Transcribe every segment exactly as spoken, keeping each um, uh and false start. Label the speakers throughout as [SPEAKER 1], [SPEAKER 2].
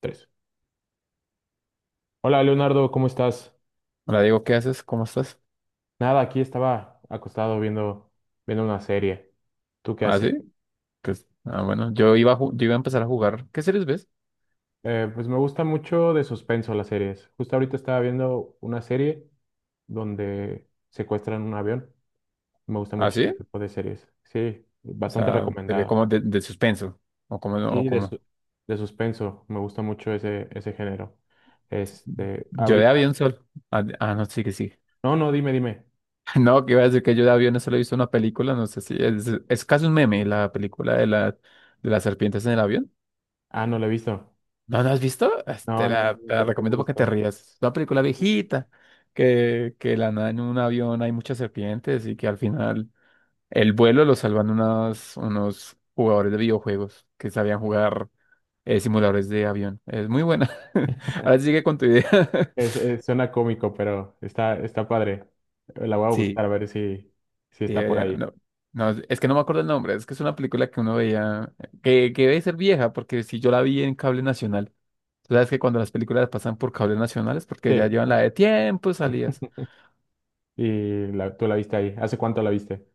[SPEAKER 1] Tres. Hola Leonardo, ¿cómo estás?
[SPEAKER 2] Hola Diego, ¿qué haces? ¿Cómo estás?
[SPEAKER 1] Nada, aquí estaba acostado viendo, viendo una serie. ¿Tú qué
[SPEAKER 2] ¿Ah,
[SPEAKER 1] haces?
[SPEAKER 2] sí? Pues, ah, bueno, yo iba a, ju- yo iba a empezar a jugar. ¿Qué series ves?
[SPEAKER 1] Eh, pues me gusta mucho de suspenso las series. Justo ahorita estaba viendo una serie donde secuestran un avión. Me gusta
[SPEAKER 2] ¿Ah,
[SPEAKER 1] mucho
[SPEAKER 2] sí?
[SPEAKER 1] ese tipo de series. Sí,
[SPEAKER 2] O
[SPEAKER 1] bastante
[SPEAKER 2] sea, te ve
[SPEAKER 1] recomendada.
[SPEAKER 2] como de, de suspenso. O como, no, o
[SPEAKER 1] Sí, de,
[SPEAKER 2] como.
[SPEAKER 1] su- de suspenso. Me gusta mucho ese, ese género. Este,
[SPEAKER 2] Yo de
[SPEAKER 1] ahorita.
[SPEAKER 2] avión solo. Ah, de- ah, no, sí que sí.
[SPEAKER 1] No, no, dime, dime.
[SPEAKER 2] No, que iba a decir que yo de avión solo he visto una película, no sé si es, es casi un meme, la película de la, de las serpientes en el avión.
[SPEAKER 1] Ah, no la he visto.
[SPEAKER 2] ¿No la has visto? Ah, Te
[SPEAKER 1] No, no,
[SPEAKER 2] la,
[SPEAKER 1] no
[SPEAKER 2] te la
[SPEAKER 1] tengo el
[SPEAKER 2] recomiendo porque te
[SPEAKER 1] gusto.
[SPEAKER 2] rías. Es una película viejita, que, que de la nada en un avión hay muchas serpientes y que al final el vuelo lo salvan unos, unos jugadores de videojuegos que sabían jugar eh, simuladores de avión. Es muy buena. Ahora sí sigue con tu idea.
[SPEAKER 1] Es- es- suena cómico, pero está, está padre. La voy a buscar
[SPEAKER 2] Sí,
[SPEAKER 1] a ver si, si
[SPEAKER 2] sí,
[SPEAKER 1] está por
[SPEAKER 2] debería.
[SPEAKER 1] ahí.
[SPEAKER 2] No, no, es que no me acuerdo el nombre. Es que es una película que uno veía, que, que debe ser vieja, porque si yo la vi en cable nacional, tú sabes que cuando las películas pasan por cable nacional es porque ya
[SPEAKER 1] Sí,
[SPEAKER 2] llevan la de tiempo salidas.
[SPEAKER 1] y la- tú la viste ahí. ¿Hace cuánto la viste?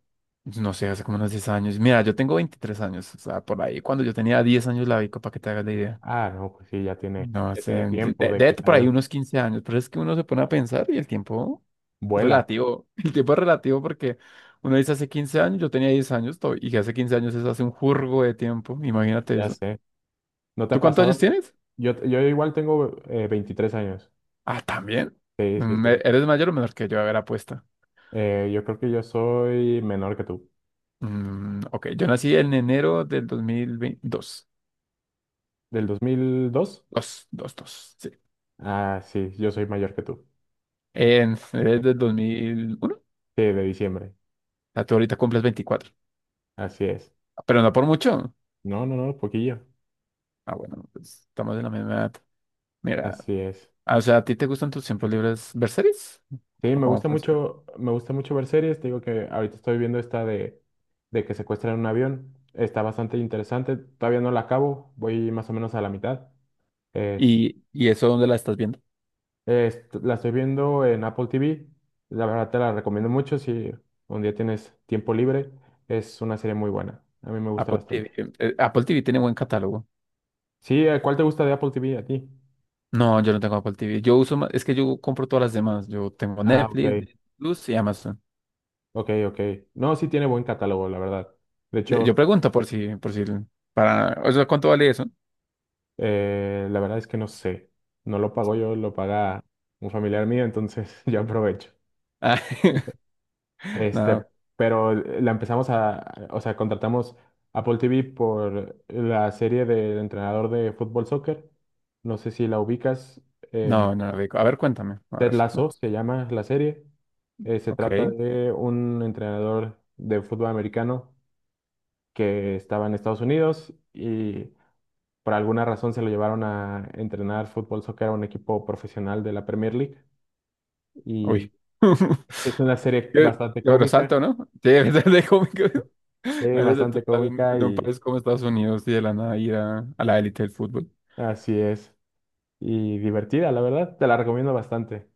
[SPEAKER 2] No sé, hace como unos diez años. Mira, yo tengo veintitrés años. O sea, por ahí, cuando yo tenía diez años la vi, para que te hagas la idea.
[SPEAKER 1] Ah, no, pues sí, ya tiene,
[SPEAKER 2] No
[SPEAKER 1] ya
[SPEAKER 2] sé,
[SPEAKER 1] tiene
[SPEAKER 2] de,
[SPEAKER 1] tiempo
[SPEAKER 2] de-
[SPEAKER 1] de
[SPEAKER 2] de
[SPEAKER 1] que
[SPEAKER 2] por ahí
[SPEAKER 1] salió.
[SPEAKER 2] unos quince años, pero es que uno se pone a pensar y el tiempo es
[SPEAKER 1] Vuela,
[SPEAKER 2] relativo, el tiempo es relativo porque uno dice hace quince años, yo tenía diez años to- y que hace quince años es hace un jurgo de tiempo, imagínate
[SPEAKER 1] ya
[SPEAKER 2] eso.
[SPEAKER 1] sé. ¿No te
[SPEAKER 2] ¿Tú
[SPEAKER 1] ha
[SPEAKER 2] cuántos años
[SPEAKER 1] pasado?
[SPEAKER 2] tienes?
[SPEAKER 1] Yo, yo igual tengo eh, veintitrés años.
[SPEAKER 2] Ah, también.
[SPEAKER 1] Sí, sí,
[SPEAKER 2] Mm,
[SPEAKER 1] sí.
[SPEAKER 2] ¿e- ¿eres mayor o menor que yo? A ver, apuesta.
[SPEAKER 1] Eh, yo creo que yo soy menor que tú.
[SPEAKER 2] Mm, ok, yo nací en enero del dos mil veintidós.
[SPEAKER 1] ¿Del dos mil dos?
[SPEAKER 2] Dos, dos, dos, sí.
[SPEAKER 1] Ah, sí, yo soy mayor que tú.
[SPEAKER 2] En, eres del dos mil uno. O
[SPEAKER 1] Sí, de diciembre.
[SPEAKER 2] sea, tú ahorita cumples veinticuatro,
[SPEAKER 1] Así es.
[SPEAKER 2] pero no por mucho.
[SPEAKER 1] No, no, no, poquillo.
[SPEAKER 2] Ah, bueno, pues estamos en la misma edad. Mira.
[SPEAKER 1] Así es.
[SPEAKER 2] Ah, o sea, ¿a ti te gustan tus tiempos libres ver series?
[SPEAKER 1] Sí,
[SPEAKER 2] ¿O
[SPEAKER 1] me
[SPEAKER 2] cómo
[SPEAKER 1] gusta
[SPEAKER 2] funciona?
[SPEAKER 1] mucho, me gusta mucho ver series. Te digo que ahorita estoy viendo esta de, de que secuestran un avión. Está bastante interesante. Todavía no la acabo. Voy más o menos a la mitad. Es,
[SPEAKER 2] ¿Y, y eso dónde la estás viendo?
[SPEAKER 1] es- la estoy viendo en Apple T V. La verdad te la recomiendo mucho si un día tienes tiempo libre. Es una serie muy buena. A mí me gusta
[SPEAKER 2] Apple
[SPEAKER 1] bastante.
[SPEAKER 2] T V. eh, eh, Apple T V tiene buen catálogo.
[SPEAKER 1] Sí, ¿eh? ¿Cuál te gusta de Apple T V a ti?
[SPEAKER 2] No, yo no tengo Apple T V. Yo uso más, es que yo compro todas las demás. Yo tengo
[SPEAKER 1] Ah, ok,
[SPEAKER 2] Netflix, Disney Plus y Amazon.
[SPEAKER 1] ok, ok. No, sí tiene buen catálogo, la verdad. De
[SPEAKER 2] Eh,
[SPEAKER 1] hecho,
[SPEAKER 2] Yo pregunto por si, por si, para, o sea, ¿cuánto vale eso?
[SPEAKER 1] Eh, la verdad es que no sé. No lo pago yo, lo paga un familiar mío, entonces yo aprovecho.
[SPEAKER 2] Ah,
[SPEAKER 1] Este,
[SPEAKER 2] no,
[SPEAKER 1] pero la empezamos a, o sea, contratamos Apple T V por la serie del entrenador de fútbol soccer. No sé si la ubicas. em,
[SPEAKER 2] no, no, rico. A ver, cuéntame. A
[SPEAKER 1] Ted
[SPEAKER 2] ver, no,
[SPEAKER 1] Lasso se llama la serie. Eh, se
[SPEAKER 2] ok.
[SPEAKER 1] trata de un entrenador de fútbol americano que estaba en Estados Unidos y por alguna razón se lo llevaron a entrenar fútbol, soccer a un equipo profesional de la Premier League. Y
[SPEAKER 2] Uy.
[SPEAKER 1] es una serie
[SPEAKER 2] Qué
[SPEAKER 1] bastante
[SPEAKER 2] qué bueno,
[SPEAKER 1] cómica,
[SPEAKER 2] salto, ¿no? Sí, de cómo que...
[SPEAKER 1] eh,
[SPEAKER 2] Imagínate tú
[SPEAKER 1] bastante
[SPEAKER 2] estar en,
[SPEAKER 1] cómica
[SPEAKER 2] en un
[SPEAKER 1] y
[SPEAKER 2] país como Estados Unidos y de la nada ir a, a la élite del fútbol.
[SPEAKER 1] así es. Y divertida, la verdad. Te la recomiendo bastante.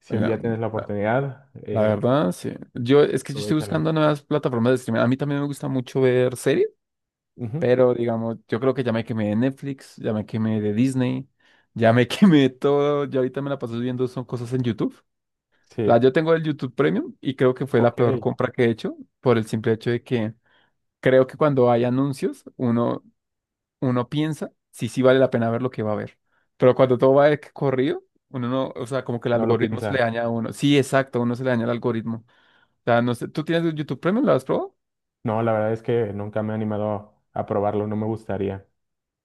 [SPEAKER 1] Si un
[SPEAKER 2] La,
[SPEAKER 1] día tienes la
[SPEAKER 2] la-
[SPEAKER 1] oportunidad,
[SPEAKER 2] la
[SPEAKER 1] eh,
[SPEAKER 2] verdad, sí. Yo, es que yo estoy
[SPEAKER 1] aprovéchala.
[SPEAKER 2] buscando nuevas plataformas de streaming. A mí también me gusta mucho ver series,
[SPEAKER 1] Ujú,
[SPEAKER 2] pero digamos, yo creo que ya me quemé de Netflix, ya me quemé de Disney, ya me quemé de todo. Yo ahorita me la paso viendo son cosas en YouTube. O sea,
[SPEAKER 1] sí,
[SPEAKER 2] yo tengo el YouTube Premium y creo que fue la
[SPEAKER 1] ok.
[SPEAKER 2] peor compra que he hecho por el simple hecho de que creo que cuando hay anuncios, uno, uno piensa si sí vale la pena ver lo que va a ver. Pero cuando todo va de que corrido, uno no, o sea, como que el
[SPEAKER 1] No lo
[SPEAKER 2] algoritmo se
[SPEAKER 1] piensa.
[SPEAKER 2] le daña a uno. Sí, exacto, uno se le daña el algoritmo. O sea, no sé, ¿tú tienes YouTube Premium? ¿Lo has probado?
[SPEAKER 1] No, la verdad es que nunca me he animado a probarlo. No me gustaría.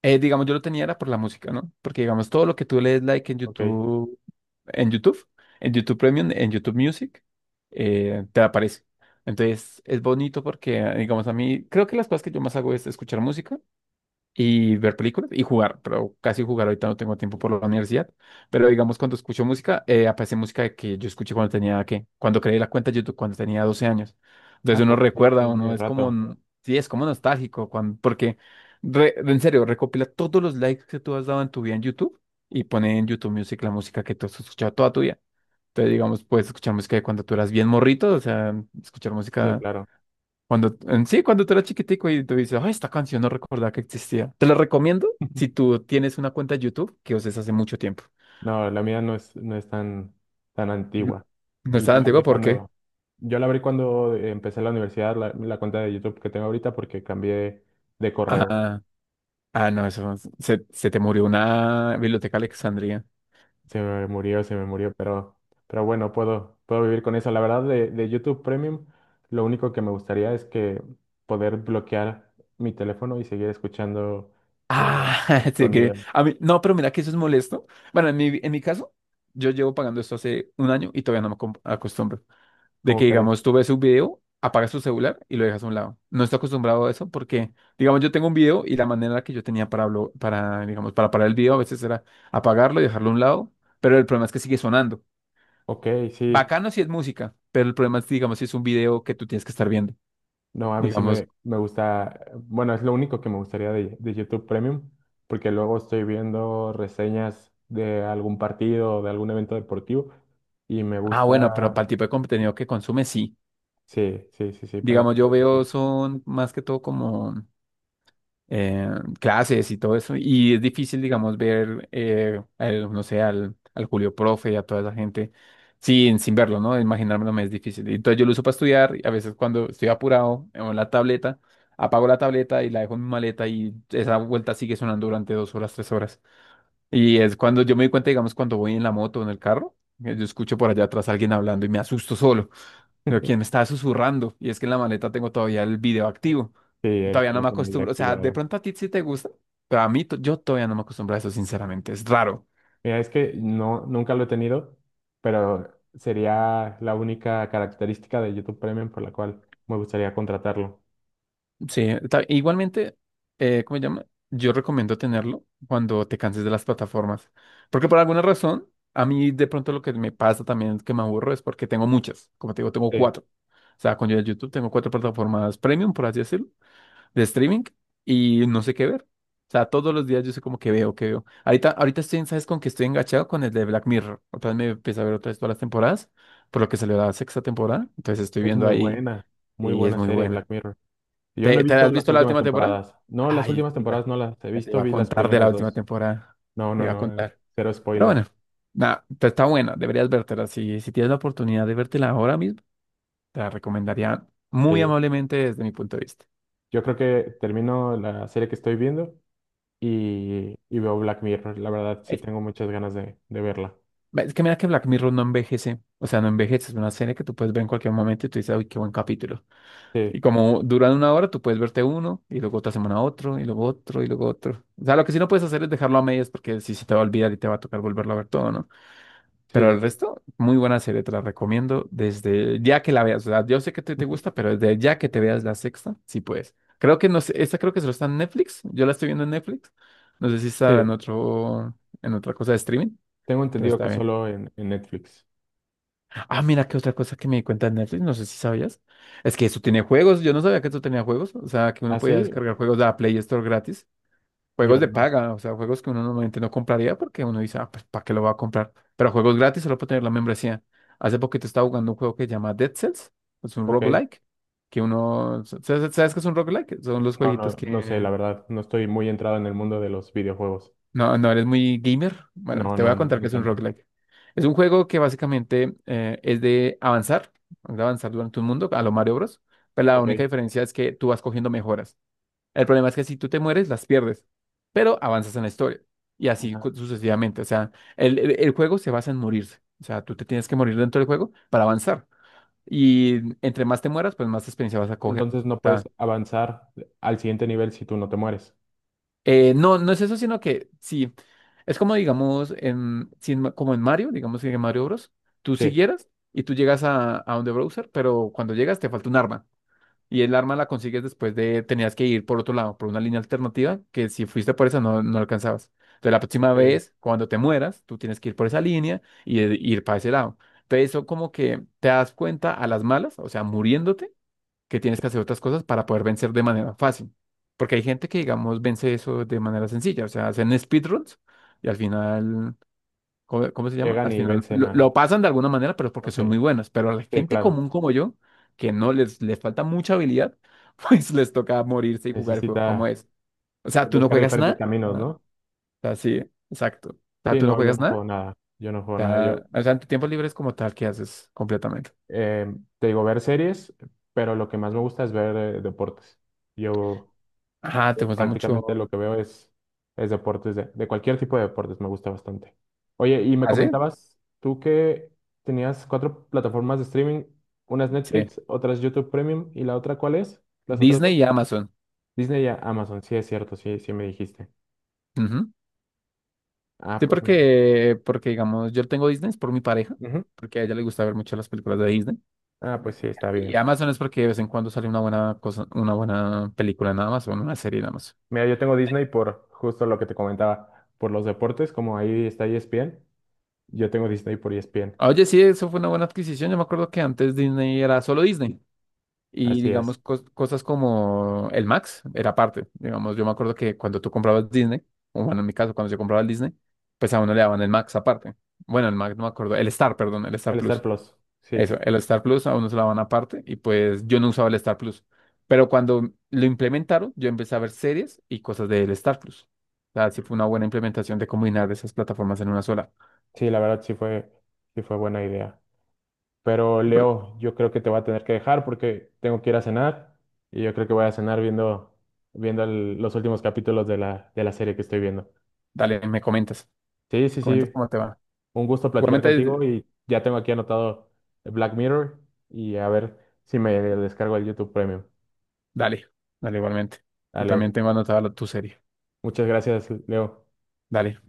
[SPEAKER 2] Eh, digamos, yo lo tenía era por la música, ¿no? Porque digamos, todo lo que tú lees like en
[SPEAKER 1] Ok.
[SPEAKER 2] YouTube, en YouTube, en YouTube Premium, en YouTube Music, eh, te aparece. Entonces, es bonito porque, digamos, a mí, creo que las cosas que yo más hago es escuchar música y ver películas y jugar, pero casi jugar ahorita no tengo tiempo por la universidad. Pero digamos, cuando escucho música, eh, aparece música que yo escuché cuando tenía, ¿qué? Cuando creé la cuenta de YouTube, cuando tenía doce años.
[SPEAKER 1] Ah,
[SPEAKER 2] Entonces uno
[SPEAKER 1] pues sí,
[SPEAKER 2] recuerda,
[SPEAKER 1] tiene
[SPEAKER 2] uno es como,
[SPEAKER 1] rato.
[SPEAKER 2] n- sí, es como nostálgico, cuan- porque, re- en serio, recopila todos los likes que tú has dado en tu vida en YouTube y pone en YouTube Music la música que tú has escuchado toda tu vida. Entonces, digamos, puedes escuchar música de cuando tú eras bien morrito, o sea, escuchar
[SPEAKER 1] Sí,
[SPEAKER 2] música.
[SPEAKER 1] claro.
[SPEAKER 2] Cuando, en sí, cuando tú eras chiquitico y tú dices, ay, esta canción no recordaba que existía. Te la recomiendo si tú tienes una cuenta de YouTube que uses hace mucho tiempo.
[SPEAKER 1] No, la mía no es, no es tan, tan
[SPEAKER 2] N-
[SPEAKER 1] antigua.
[SPEAKER 2] No
[SPEAKER 1] Eh, Yo
[SPEAKER 2] está
[SPEAKER 1] la
[SPEAKER 2] antigua,
[SPEAKER 1] abrí
[SPEAKER 2] ¿por qué?
[SPEAKER 1] cuando, yo la abrí cuando empecé la universidad, la, la cuenta de YouTube que tengo ahorita, porque cambié de correo.
[SPEAKER 2] Ah, ah, no, eso se, se te murió una biblioteca Alexandria.
[SPEAKER 1] Se me murió, se me murió, pero, pero bueno, puedo, puedo vivir con eso. La verdad, de, de YouTube Premium, lo único que me gustaría es que poder bloquear mi teléfono y seguir escuchando eh,
[SPEAKER 2] Ah,
[SPEAKER 1] el
[SPEAKER 2] sí, que
[SPEAKER 1] sonido.
[SPEAKER 2] a mí, no, pero mira que eso es molesto. Bueno, en mi, en mi caso, yo llevo pagando esto hace un año y todavía no me acom- acostumbro. De que,
[SPEAKER 1] ¿Cómo crees?
[SPEAKER 2] digamos, tú ves un video, apagas tu celular y lo dejas a un lado. No estoy acostumbrado a eso porque, digamos, yo tengo un video y la manera que yo tenía para, hablo- para, digamos, para parar el video a veces era apagarlo y dejarlo a un lado, pero el problema es que sigue sonando.
[SPEAKER 1] Ok, sí.
[SPEAKER 2] Bacano si es música, pero el problema es, digamos, si es un video que tú tienes que estar viendo.
[SPEAKER 1] No, a mí sí
[SPEAKER 2] Digamos,
[SPEAKER 1] me, me gusta, bueno, es lo único que me gustaría de, de YouTube Premium, porque luego estoy viendo reseñas de algún partido o de algún evento deportivo y me
[SPEAKER 2] ah, bueno, pero
[SPEAKER 1] gusta,
[SPEAKER 2] para el tipo de contenido que consumes, sí.
[SPEAKER 1] sí, sí, sí, sí, para esa
[SPEAKER 2] Digamos, yo
[SPEAKER 1] parte
[SPEAKER 2] veo
[SPEAKER 1] sí.
[SPEAKER 2] son más que todo como eh, clases y todo eso, y es difícil, digamos, ver, eh, al, no sé, al, al Julio Profe y a toda esa gente sin, sin verlo, ¿no? Imaginármelo me es difícil. Y entonces yo lo uso para estudiar, y a veces cuando estoy apurado en la tableta, apago la tableta y la dejo en mi maleta y esa vuelta sigue sonando durante dos horas, tres horas. Y es cuando yo me di cuenta, digamos, cuando voy en la moto o en el carro, que yo escucho por allá atrás a alguien hablando y me asusto solo. Pero quién me está susurrando, y es que en la maleta tengo todavía el video activo.
[SPEAKER 1] Sí, el
[SPEAKER 2] Todavía no me
[SPEAKER 1] teléfono ahí
[SPEAKER 2] acostumbro, o sea, de
[SPEAKER 1] activado.
[SPEAKER 2] pronto a ti sí te gusta, pero a mí to- yo todavía no me acostumbro a eso, sinceramente, es raro.
[SPEAKER 1] Mira, es que no, nunca lo he tenido, pero sería la única característica de YouTube Premium por la cual me gustaría contratarlo.
[SPEAKER 2] Sí, ta- igualmente, eh, ¿cómo se llama? Yo recomiendo tenerlo cuando te canses de las plataformas. Porque por alguna razón, a mí de pronto lo que me pasa también es que me aburro es porque tengo muchas. Como te digo, tengo
[SPEAKER 1] Sí,
[SPEAKER 2] cuatro. O sea, con YouTube tengo cuatro plataformas premium, por así decirlo, de streaming y no sé qué ver. O sea, todos los días yo sé como que veo, que veo. Ahorita, ahorita estoy, ¿sabes con que estoy enganchado? Con el de Black Mirror. Otra vez me empiezo a ver otra vez todas las temporadas, por lo que salió la sexta temporada. Entonces estoy
[SPEAKER 1] es
[SPEAKER 2] viendo
[SPEAKER 1] muy
[SPEAKER 2] ahí
[SPEAKER 1] buena, muy
[SPEAKER 2] y es
[SPEAKER 1] buena
[SPEAKER 2] muy
[SPEAKER 1] serie Black
[SPEAKER 2] buena.
[SPEAKER 1] Mirror. Yo no he
[SPEAKER 2] ¿Te, te
[SPEAKER 1] visto
[SPEAKER 2] has
[SPEAKER 1] las
[SPEAKER 2] visto la
[SPEAKER 1] últimas
[SPEAKER 2] última temporada?
[SPEAKER 1] temporadas. No, las
[SPEAKER 2] Ay,
[SPEAKER 1] últimas
[SPEAKER 2] te iba,
[SPEAKER 1] temporadas no las he
[SPEAKER 2] ya te
[SPEAKER 1] visto,
[SPEAKER 2] iba a
[SPEAKER 1] vi las
[SPEAKER 2] contar de la
[SPEAKER 1] primeras
[SPEAKER 2] última
[SPEAKER 1] dos.
[SPEAKER 2] temporada.
[SPEAKER 1] No,
[SPEAKER 2] Te
[SPEAKER 1] no,
[SPEAKER 2] iba a
[SPEAKER 1] no,
[SPEAKER 2] contar.
[SPEAKER 1] cero
[SPEAKER 2] Pero
[SPEAKER 1] spoilers.
[SPEAKER 2] bueno, nada, te- está buena, deberías vértela. Si, si tienes la oportunidad de vértela ahora mismo, te la recomendaría muy
[SPEAKER 1] Sí,
[SPEAKER 2] amablemente desde mi punto de vista.
[SPEAKER 1] yo creo que termino la serie que estoy viendo y, y veo Black Mirror. La verdad, sí
[SPEAKER 2] Es,
[SPEAKER 1] tengo muchas ganas de, de verla.
[SPEAKER 2] es que mira que Black Mirror no envejece. O sea, no envejece. Es una serie que tú puedes ver en cualquier momento y tú dices, uy, qué buen capítulo.
[SPEAKER 1] Sí,
[SPEAKER 2] Y como duran una hora, tú puedes verte uno y luego otra semana otro y luego otro y luego otro. O sea, lo que sí no puedes hacer es dejarlo a medias porque si se te va a olvidar y te va a tocar volverlo a ver todo, ¿no?
[SPEAKER 1] sí,
[SPEAKER 2] Pero
[SPEAKER 1] sí,
[SPEAKER 2] el
[SPEAKER 1] sí.
[SPEAKER 2] resto, muy buena serie, te la recomiendo desde ya que la veas. O sea, yo sé que te, te gusta, pero desde ya que te veas la sexta, sí puedes. Creo que no sé, esta creo que solo está en Netflix. Yo la estoy viendo en Netflix. No sé si está
[SPEAKER 1] Sí,
[SPEAKER 2] en otro, en otra cosa de streaming,
[SPEAKER 1] tengo
[SPEAKER 2] pero
[SPEAKER 1] entendido
[SPEAKER 2] está
[SPEAKER 1] que
[SPEAKER 2] bien.
[SPEAKER 1] solo en, en Netflix.
[SPEAKER 2] Ah, mira, qué otra cosa que me di cuenta en Netflix, no sé si sabías. Es que eso tiene juegos. Yo no sabía que eso tenía juegos. O sea, que uno podía
[SPEAKER 1] ¿Así?
[SPEAKER 2] descargar juegos de la Play Store gratis.
[SPEAKER 1] Yo
[SPEAKER 2] Juegos de
[SPEAKER 1] no.
[SPEAKER 2] paga, o sea, juegos que uno normalmente no compraría porque uno dice, ah, pues, ¿para qué lo va a comprar? Pero juegos gratis solo por tener la membresía. Hace poquito estaba jugando un juego que se llama Dead Cells, es un
[SPEAKER 1] Ok.
[SPEAKER 2] roguelike, que uno, ¿sabes, sabes qué es un roguelike? Son los
[SPEAKER 1] No, no,
[SPEAKER 2] jueguitos
[SPEAKER 1] no sé,
[SPEAKER 2] que,
[SPEAKER 1] la verdad. No estoy muy entrado en el mundo de los videojuegos.
[SPEAKER 2] no, no eres muy gamer. Bueno,
[SPEAKER 1] No,
[SPEAKER 2] te voy
[SPEAKER 1] no,
[SPEAKER 2] a contar qué
[SPEAKER 1] no
[SPEAKER 2] es un
[SPEAKER 1] tanto.
[SPEAKER 2] roguelike. Es un juego que básicamente eh, es de avanzar, de avanzar durante un mundo a lo Mario Bros. Pero la
[SPEAKER 1] Ok.
[SPEAKER 2] única diferencia es que tú vas cogiendo mejoras. El problema es que si tú te mueres, las pierdes, pero avanzas en la historia. Y así
[SPEAKER 1] Ajá.
[SPEAKER 2] cu- sucesivamente. O sea, el, el- el juego se basa en morirse. O sea, tú te tienes que morir dentro del juego para avanzar. Y entre más te mueras, pues más experiencia vas a coger.
[SPEAKER 1] Entonces no puedes
[SPEAKER 2] Ta.
[SPEAKER 1] avanzar al siguiente nivel si tú no te mueres.
[SPEAKER 2] Eh, no, no es eso, sino que sí. Es como, digamos, en, si en Ma- como en Mario, digamos que en Mario Bros. Tú
[SPEAKER 1] Sí,
[SPEAKER 2] siguieras y tú llegas a, a donde browser, pero cuando llegas te falta un arma. Y el arma la consigues después de, tenías que ir por otro lado, por una línea alternativa, que si fuiste por esa no, no alcanzabas. Entonces la próxima
[SPEAKER 1] ok.
[SPEAKER 2] vez, cuando te mueras, tú tienes que ir por esa línea y, e- ir para ese lado. Entonces eso como que te das cuenta a las malas, o sea, muriéndote, que tienes que hacer otras cosas para poder vencer de manera fácil. Porque hay gente que, digamos, vence eso de manera sencilla, o sea, hacen speedruns y al final ¿cómo, cómo se llama?
[SPEAKER 1] Llegan
[SPEAKER 2] Al
[SPEAKER 1] y
[SPEAKER 2] final
[SPEAKER 1] vencen
[SPEAKER 2] lo,
[SPEAKER 1] a...
[SPEAKER 2] lo pasan de alguna manera, pero es porque
[SPEAKER 1] Ok,
[SPEAKER 2] son muy buenas. Pero a la
[SPEAKER 1] sí,
[SPEAKER 2] gente
[SPEAKER 1] claro.
[SPEAKER 2] común como yo, que no les, les falta mucha habilidad, pues les toca morirse y jugar el juego como
[SPEAKER 1] Necesita
[SPEAKER 2] es. O sea, tú no
[SPEAKER 1] buscar
[SPEAKER 2] juegas
[SPEAKER 1] diferentes
[SPEAKER 2] nada.
[SPEAKER 1] caminos,
[SPEAKER 2] Ah, o
[SPEAKER 1] ¿no?
[SPEAKER 2] sea, sí, exacto. O sea,
[SPEAKER 1] Sí,
[SPEAKER 2] tú no
[SPEAKER 1] no, yo
[SPEAKER 2] juegas
[SPEAKER 1] no juego
[SPEAKER 2] nada.
[SPEAKER 1] nada. Yo no juego
[SPEAKER 2] O
[SPEAKER 1] nada. Yo
[SPEAKER 2] sea, o sea, en tu tiempo libre es como tal que haces completamente.
[SPEAKER 1] eh, te digo ver series, pero lo que más me gusta es ver eh, deportes. Yo
[SPEAKER 2] Ajá,
[SPEAKER 1] yo
[SPEAKER 2] te gusta
[SPEAKER 1] prácticamente lo
[SPEAKER 2] mucho.
[SPEAKER 1] que veo es, es deportes, de, de cualquier tipo de deportes, me gusta bastante. Oye, y me
[SPEAKER 2] ¿Ah, sí?
[SPEAKER 1] comentabas tú que tenías cuatro plataformas de streaming, unas
[SPEAKER 2] Sí.
[SPEAKER 1] Netflix, otras YouTube Premium, y la otra, ¿cuál es? Las otras
[SPEAKER 2] Disney
[SPEAKER 1] dos.
[SPEAKER 2] y Amazon.
[SPEAKER 1] Disney y Amazon, sí es cierto, sí, sí me dijiste.
[SPEAKER 2] Ujú.
[SPEAKER 1] Ah,
[SPEAKER 2] Sí,
[SPEAKER 1] pues mira.
[SPEAKER 2] porque, porque digamos, yo tengo Disney es por mi pareja,
[SPEAKER 1] Ujú.
[SPEAKER 2] porque a ella le gusta ver mucho las películas de Disney.
[SPEAKER 1] Ah, pues sí, está
[SPEAKER 2] Y
[SPEAKER 1] bien.
[SPEAKER 2] Amazon es porque de vez en cuando sale una buena cosa, una buena película nada más, o una serie nada más.
[SPEAKER 1] Mira, yo tengo Disney por justo lo que te comentaba, por los deportes, como ahí está E S P N, yo tengo Disney por E S P N.
[SPEAKER 2] Oye, sí, eso fue una buena adquisición. Yo me acuerdo que antes Disney era solo Disney. Y
[SPEAKER 1] Así es.
[SPEAKER 2] digamos, cos- cosas como el Max era aparte. Digamos, yo me acuerdo que cuando tú comprabas Disney, o bueno, en mi caso, cuando yo compraba el Disney, pues a uno le daban el Max aparte. Bueno, el Max no me acuerdo, el Star, perdón, el Star
[SPEAKER 1] El Star
[SPEAKER 2] Plus.
[SPEAKER 1] Plus. Sí,
[SPEAKER 2] Eso, el Star Plus a uno se la van aparte y pues yo no usaba el Star Plus. Pero cuando lo implementaron, yo empecé a ver series y cosas del Star Plus. O sea, sí fue una buena implementación de combinar esas plataformas en una sola.
[SPEAKER 1] sí, la verdad sí fue, sí fue buena idea. Pero
[SPEAKER 2] Y por-
[SPEAKER 1] Leo, yo creo que te voy a tener que dejar porque tengo que ir a cenar y yo creo que voy a cenar viendo, viendo el- los últimos capítulos de la, de la serie que estoy viendo.
[SPEAKER 2] Dale, me comentas.
[SPEAKER 1] Sí, sí,
[SPEAKER 2] Comentas
[SPEAKER 1] sí,
[SPEAKER 2] cómo te va.
[SPEAKER 1] un gusto platicar contigo
[SPEAKER 2] Igualmente,
[SPEAKER 1] y ya tengo aquí anotado Black Mirror y a ver si me descargo el YouTube Premium.
[SPEAKER 2] dale, dale, igualmente. Yo también
[SPEAKER 1] Dale,
[SPEAKER 2] tengo anotada la- tu serie.
[SPEAKER 1] muchas gracias, Leo.
[SPEAKER 2] Dale.